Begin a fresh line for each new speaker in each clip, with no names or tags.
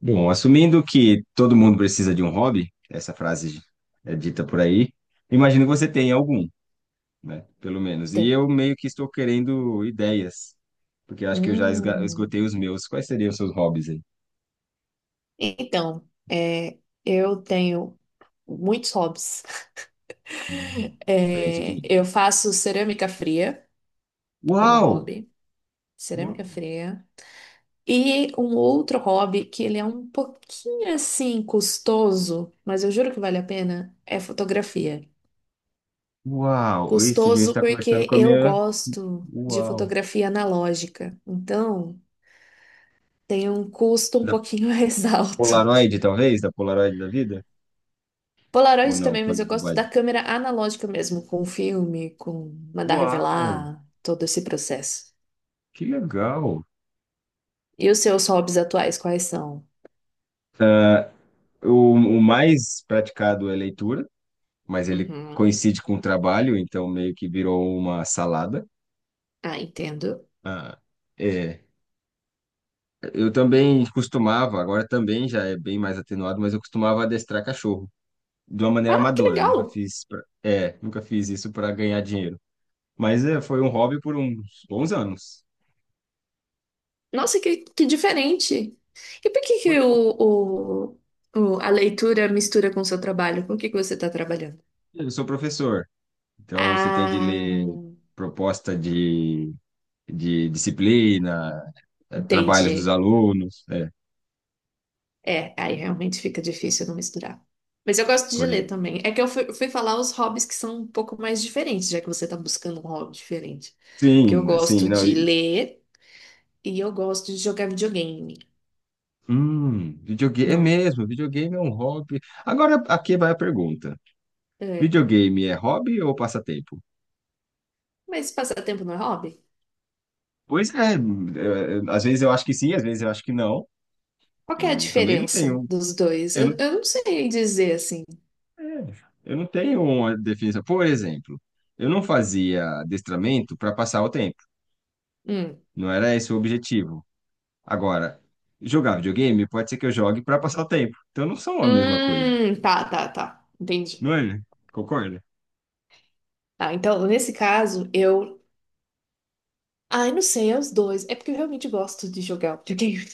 Bom, assumindo que todo mundo precisa de um hobby, essa frase é dita por aí, imagino que você tenha algum, né? Pelo menos. E eu
Tem.
meio que estou querendo ideias, porque eu acho que eu já
Hum.
esgotei os meus. Quais seriam os seus hobbies aí?
Então, eu tenho muitos hobbies.
Hum. Diferente de
É,
mim.
eu faço cerâmica fria como
Uau!
hobby, cerâmica fria. E um outro hobby que ele é um pouquinho assim custoso, mas eu juro que vale a pena, é fotografia.
Uau! Isso devia
Custoso
estar conversando
porque
com a
eu
minha.
gosto de
Uau!
fotografia analógica, então tem um custo um
Da
pouquinho mais alto.
Polaroid, talvez? Da Polaroid da vida? Ou
Polaroid
não?
também, mas
Falei
eu gosto
bobagem.
da câmera analógica mesmo, com filme, com mandar
Uau!
revelar, todo esse processo.
Que legal!
E os seus hobbies atuais, quais são?
Ah, o mais praticado é leitura, mas ele
Uhum.
coincide com o trabalho, então meio que virou uma salada.
Ah, entendo.
Ah, é. Eu também costumava, agora também já é bem mais atenuado, mas eu costumava adestrar cachorro de uma maneira
Ah, que
amadora.
legal!
Nunca fiz isso para ganhar dinheiro. Mas é, foi um hobby por uns bons anos.
Nossa, que diferente! E por que que
Foi.
a leitura mistura com o seu trabalho? Com o que que você está trabalhando?
Eu sou professor, então você tem de
Ah,
ler proposta de disciplina, trabalhos dos
entendi.
alunos.
É, aí realmente fica difícil não misturar. Mas eu gosto de
Pois é.
ler também. É que eu fui falar os hobbies que são um pouco mais diferentes, já que você tá buscando um hobby diferente. Porque eu
Sim, assim,
gosto
não.
de
E,
ler e eu gosto de jogar videogame.
hum, videogame é
Não,
mesmo, videogame é um hobby. Agora aqui vai a pergunta.
é.
Videogame é hobby ou passatempo?
Mas passatempo não é hobby?
Pois é, às vezes eu acho que sim, às vezes eu acho que não.
Qual que é a
Eu também não
diferença
tenho,
dos dois?
eu
Eu,
não,
eu não sei dizer assim.
é, eu não tenho uma definição. Por exemplo, eu não fazia adestramento para passar o tempo.
Hum.
Não era esse o objetivo. Agora, jogar videogame pode ser que eu jogue para passar o tempo. Então não são a mesma coisa,
Tá, tá, tá. Entendi.
não é? Concorda?
Tá, então, nesse caso, eu. Ai, não sei, é os dois. É porque eu realmente gosto de jogar videogame.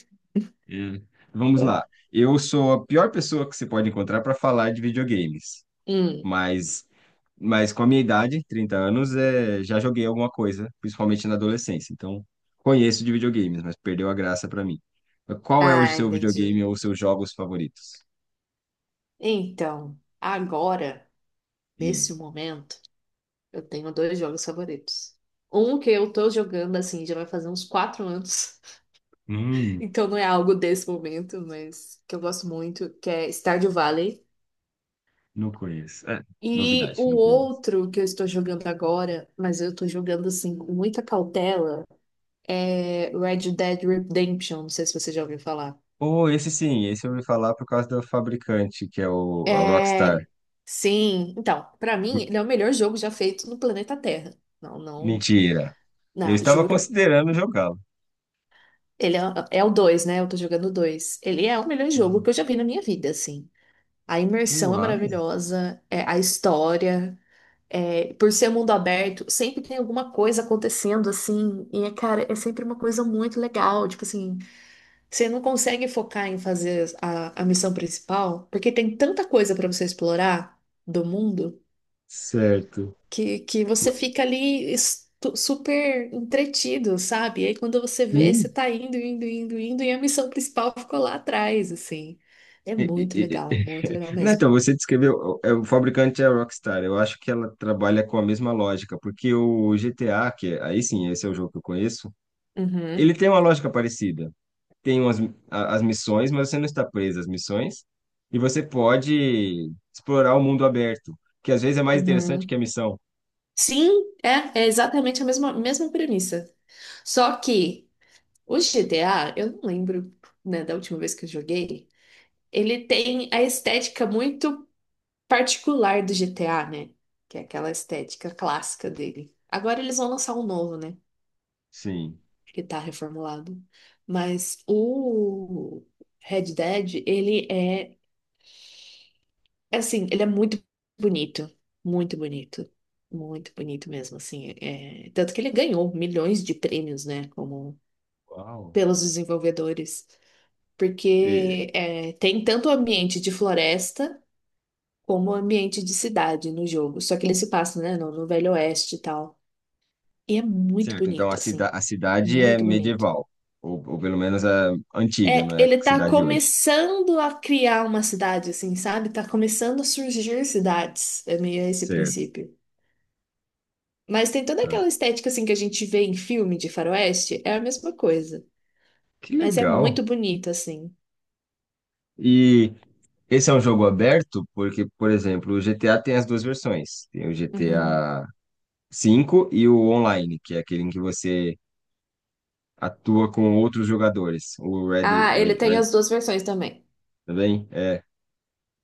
É. Vamos lá. Eu sou a pior pessoa que você pode encontrar para falar de videogames,
Hum.
mas, mas com a minha idade, 30 anos, já joguei alguma coisa, principalmente na adolescência. Então, conheço de videogames, mas perdeu a graça para mim. Qual é o
Ah,
seu videogame
entendi.
ou os seus jogos favoritos?
Então, agora,
E,
nesse momento, eu tenho dois jogos favoritos. Um que eu tô jogando, assim, já vai fazer uns 4 anos.
hum,
Então não é algo desse momento, mas que eu gosto muito, que é Stardew Valley.
não conheço. É,
E
novidade,
o
não conheço.
outro que eu estou jogando agora, mas eu tô jogando, assim, com muita cautela, é Red Dead Redemption. Não sei se você já ouviu falar.
Oh, esse sim, esse eu ouvi falar por causa do fabricante, que é a Rockstar.
É. Sim, então, pra mim, ele é o melhor jogo já feito no planeta Terra. Não, não.
Mentira. Eu
Não,
estava
juro.
considerando jogá-lo.
Ele é o dois, né? Eu tô jogando o dois. Ele é o melhor jogo que eu já vi na minha vida, assim. A imersão é
Uau,
maravilhosa, a história, por ser um mundo aberto, sempre tem alguma coisa acontecendo, assim. E, cara, é sempre uma coisa muito legal. Tipo assim, você não consegue focar em fazer a missão principal, porque tem tanta coisa pra você explorar do mundo
certo.
que você fica ali super entretido, sabe? E aí quando você vê, você
Sim.
tá indo, indo, indo, indo, e a missão principal ficou lá atrás, assim. É
E- e- e-
muito legal
Não,
mesmo.
então, você descreveu, o fabricante é a Rockstar, eu acho que ela trabalha com a mesma lógica, porque o GTA, aí sim, esse é o jogo que eu conheço,
Uhum,
ele tem uma lógica parecida. Tem umas, as missões, mas você não está preso às missões, e você pode explorar o mundo aberto, que às vezes é mais interessante
uhum.
que a missão.
Sim, é exatamente a mesma premissa. Só que o GTA, eu não lembro, né, da última vez que eu joguei, ele tem a estética muito particular do GTA, né? Que é aquela estética clássica dele. Agora eles vão lançar um novo, né?
Sim.
Que tá reformulado. Mas o Red Dead, ele é, assim, ele é muito bonito, muito bonito, muito bonito mesmo, assim, tanto que ele ganhou milhões de prêmios, né, como
Uau.
pelos desenvolvedores,
E-
porque tem tanto o ambiente de floresta como o ambiente de cidade no jogo, só que ele se passa, né, no Velho Oeste e tal, e é muito
Certo, então
bonito, assim,
a cidade é
muito bonito.
medieval, ou pelo menos a antiga,
É,
não é a
ele tá
cidade hoje.
começando a criar uma cidade, assim, sabe? Tá começando a surgir cidades. É meio esse
Certo,
princípio. Mas tem toda
tá.
aquela estética, assim, que a gente vê em filme de faroeste. É a mesma coisa.
Que
Mas é
legal.
muito bonito, assim.
E esse é um jogo aberto porque, por exemplo, o GTA tem as duas versões. Tem o GTA
Uhum.
cinco e o online, que é aquele em que você atua com outros jogadores. O Red,
Ah, ele
Red,
tem
Red
as duas versões também.
também é.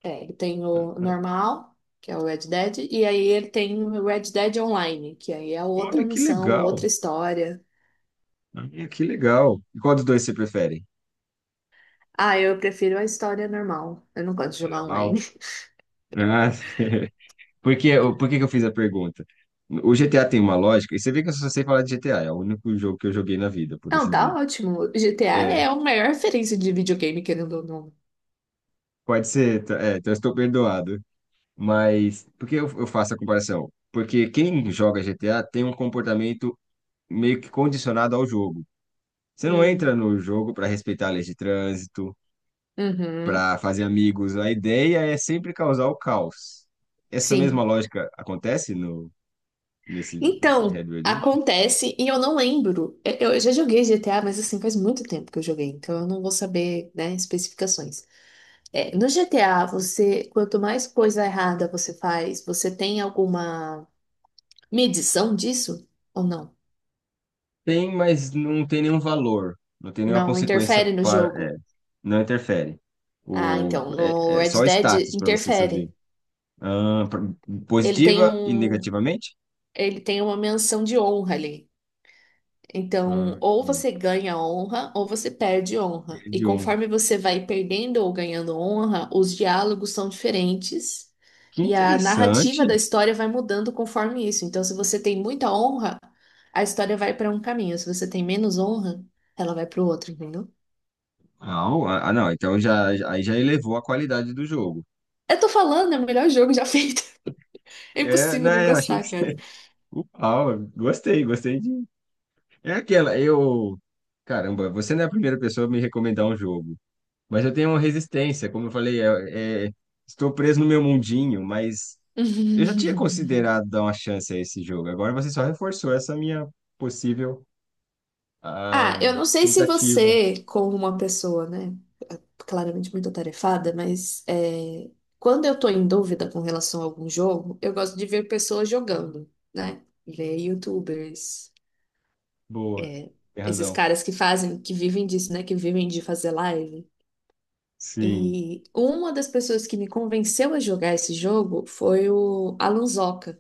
É, ele tem o normal, que é o Red Dead, e aí ele tem o Red Dead Online, que aí é outra
Olha que
missão,
legal.
outra história.
Olha que legal. E qual dos dois você prefere?
Ah, eu prefiro a história normal. Eu não gosto de jogar
Carnaval?
online.
Ah, por que, por que que eu fiz a pergunta? O GTA tem uma lógica, e você vê que eu só sei falar de GTA, é o único jogo que eu joguei na vida, por
Não,
assim dizer.
tá ótimo. GTA
É,
é a maior referência de videogame, querendo ou não.
pode ser, então eu estou perdoado. Mas por que eu faço a comparação? Porque quem joga GTA tem um comportamento meio que condicionado ao jogo. Você não entra
Hum.
no jogo para respeitar a lei de trânsito,
Uhum,
para fazer amigos. A ideia é sempre causar o caos. Essa mesma
sim.
lógica acontece no nesse Red
Então,
Redemption?
acontece, e eu não lembro. Eu já joguei GTA, mas assim, faz muito tempo que eu joguei, então eu não vou saber, né, especificações. É, no GTA, você, quanto mais coisa errada você faz, você tem alguma medição disso? Ou não?
Tem, mas não tem nenhum valor, não tem nenhuma
Não
consequência
interfere no
para,
jogo?
não interfere.
Ah,
O,
então, no
é, É
Red
só
Dead
status para você saber.
interfere.
Ah,
Ele tem
positiva e
um,
negativamente?
ele tem uma menção de honra ali. Então,
Ah,
ou você ganha honra ou você perde honra. E
entendi um.
conforme você vai perdendo ou ganhando honra, os diálogos são diferentes
Que
e a narrativa
interessante.
da história vai mudando conforme isso. Então, se você tem muita honra, a história vai para um caminho. Se você tem menos honra, ela vai para o outro, entendeu?
Ah, não, então aí já elevou a qualidade do jogo.
Eu tô falando, é o melhor jogo já feito. É
É,
impossível não
né, eu achei que
gostar, cara.
você... Uau, gostei, gostei de... É aquela, eu... Caramba, você não é a primeira pessoa a me recomendar um jogo, mas eu tenho uma resistência, como eu falei, estou preso no meu mundinho, mas eu já tinha considerado dar uma chance a esse jogo, agora você só reforçou essa minha possível
Ah, eu não sei se
Tentativa.
você, como uma pessoa, né, claramente muito atarefada, mas quando eu tô em dúvida com relação a algum jogo, eu gosto de ver pessoas jogando, né? Ver YouTubers,
Boa.
é,
Tem
esses
razão.
caras que fazem, que vivem disso, né? Que vivem de fazer live.
Sim,
E uma das pessoas que me convenceu a jogar esse jogo foi o Alan Zoca.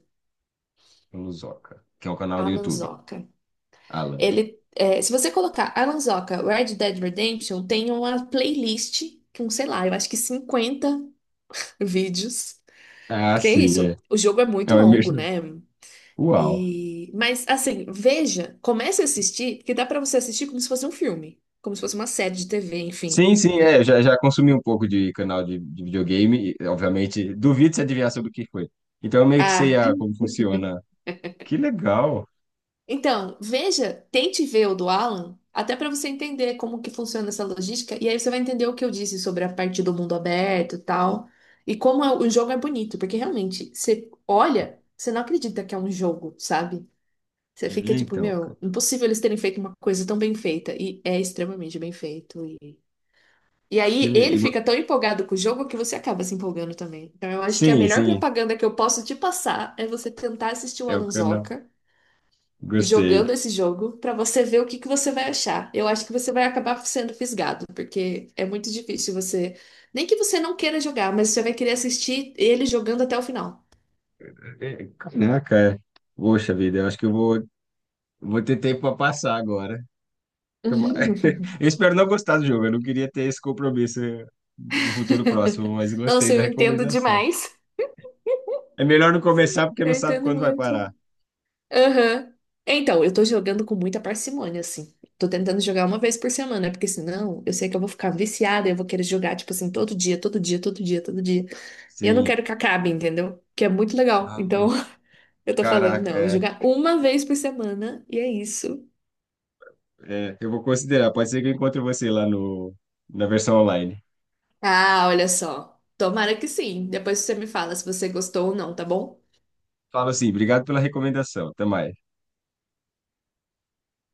Luzoca, que é um canal do
Alan
YouTube.
Zoca.
Alan.
Ele, se você colocar Alan Zoca Red Dead Redemption, tem uma playlist com, sei lá, eu acho que 50 vídeos.
Ah,
Porque é
sim,
isso,
é.
o jogo é
É
muito
uma
longo,
imersão.
né?
Uau.
E, mas assim, veja, comece a assistir, porque dá pra você assistir como se fosse um filme, como se fosse uma série de TV, enfim.
Sim, sim, é. Eu já consumi um pouco de canal de videogame. Obviamente, duvido se adivinhar sobre o que foi. Então, eu meio que sei
Ah,
como funciona. Que legal.
então, veja, tente ver o do Alan, até pra você entender como que funciona essa logística, e aí você vai entender o que eu disse sobre a parte do mundo aberto e tal, e como o jogo é bonito, porque realmente, você olha, você não acredita que é um jogo, sabe? Você
É,
fica tipo,
então. Ca-
meu, impossível eles terem feito uma coisa tão bem feita. E é extremamente bem feito. E
que
aí
le-
ele
e vo-
fica tão empolgado com o jogo que você acaba se empolgando também. Então eu acho que a
Sim,
melhor
sim,
propaganda que eu posso te passar é você tentar assistir o
é o
Alan
canal.
Zoca jogando
Gostei.
esse jogo pra você ver o que que você vai achar. Eu acho que você vai acabar sendo fisgado, porque é muito difícil você, nem que você não queira jogar, mas você vai querer assistir ele jogando até o final.
É, caraca, é. Poxa vida, eu acho que eu vou ter tempo para passar agora. Toma- Eu espero não gostar do jogo. Eu não queria ter esse compromisso no futuro próximo, mas gostei
Nossa,
da
eu entendo
recomendação.
demais.
É melhor não começar porque não
Eu
sabe
entendo
quando vai
muito.
parar.
Aham. Então, eu tô jogando com muita parcimônia, assim. Tô tentando jogar uma vez por semana, porque senão eu sei que eu vou ficar viciada, eu vou querer jogar, tipo assim, todo dia, todo dia, todo dia, todo dia. E eu não
Sim.
quero que acabe, entendeu? Que é muito legal.
Ah,
Então, eu tô falando, não,
caraca,
eu vou
é,
jogar uma vez por semana e é isso.
é. Eu vou considerar. Pode ser que eu encontre você lá no, na versão online.
Ah, olha só. Tomara que sim. Depois você me fala se você gostou ou não, tá bom?
Falo assim, obrigado pela recomendação. Até mais.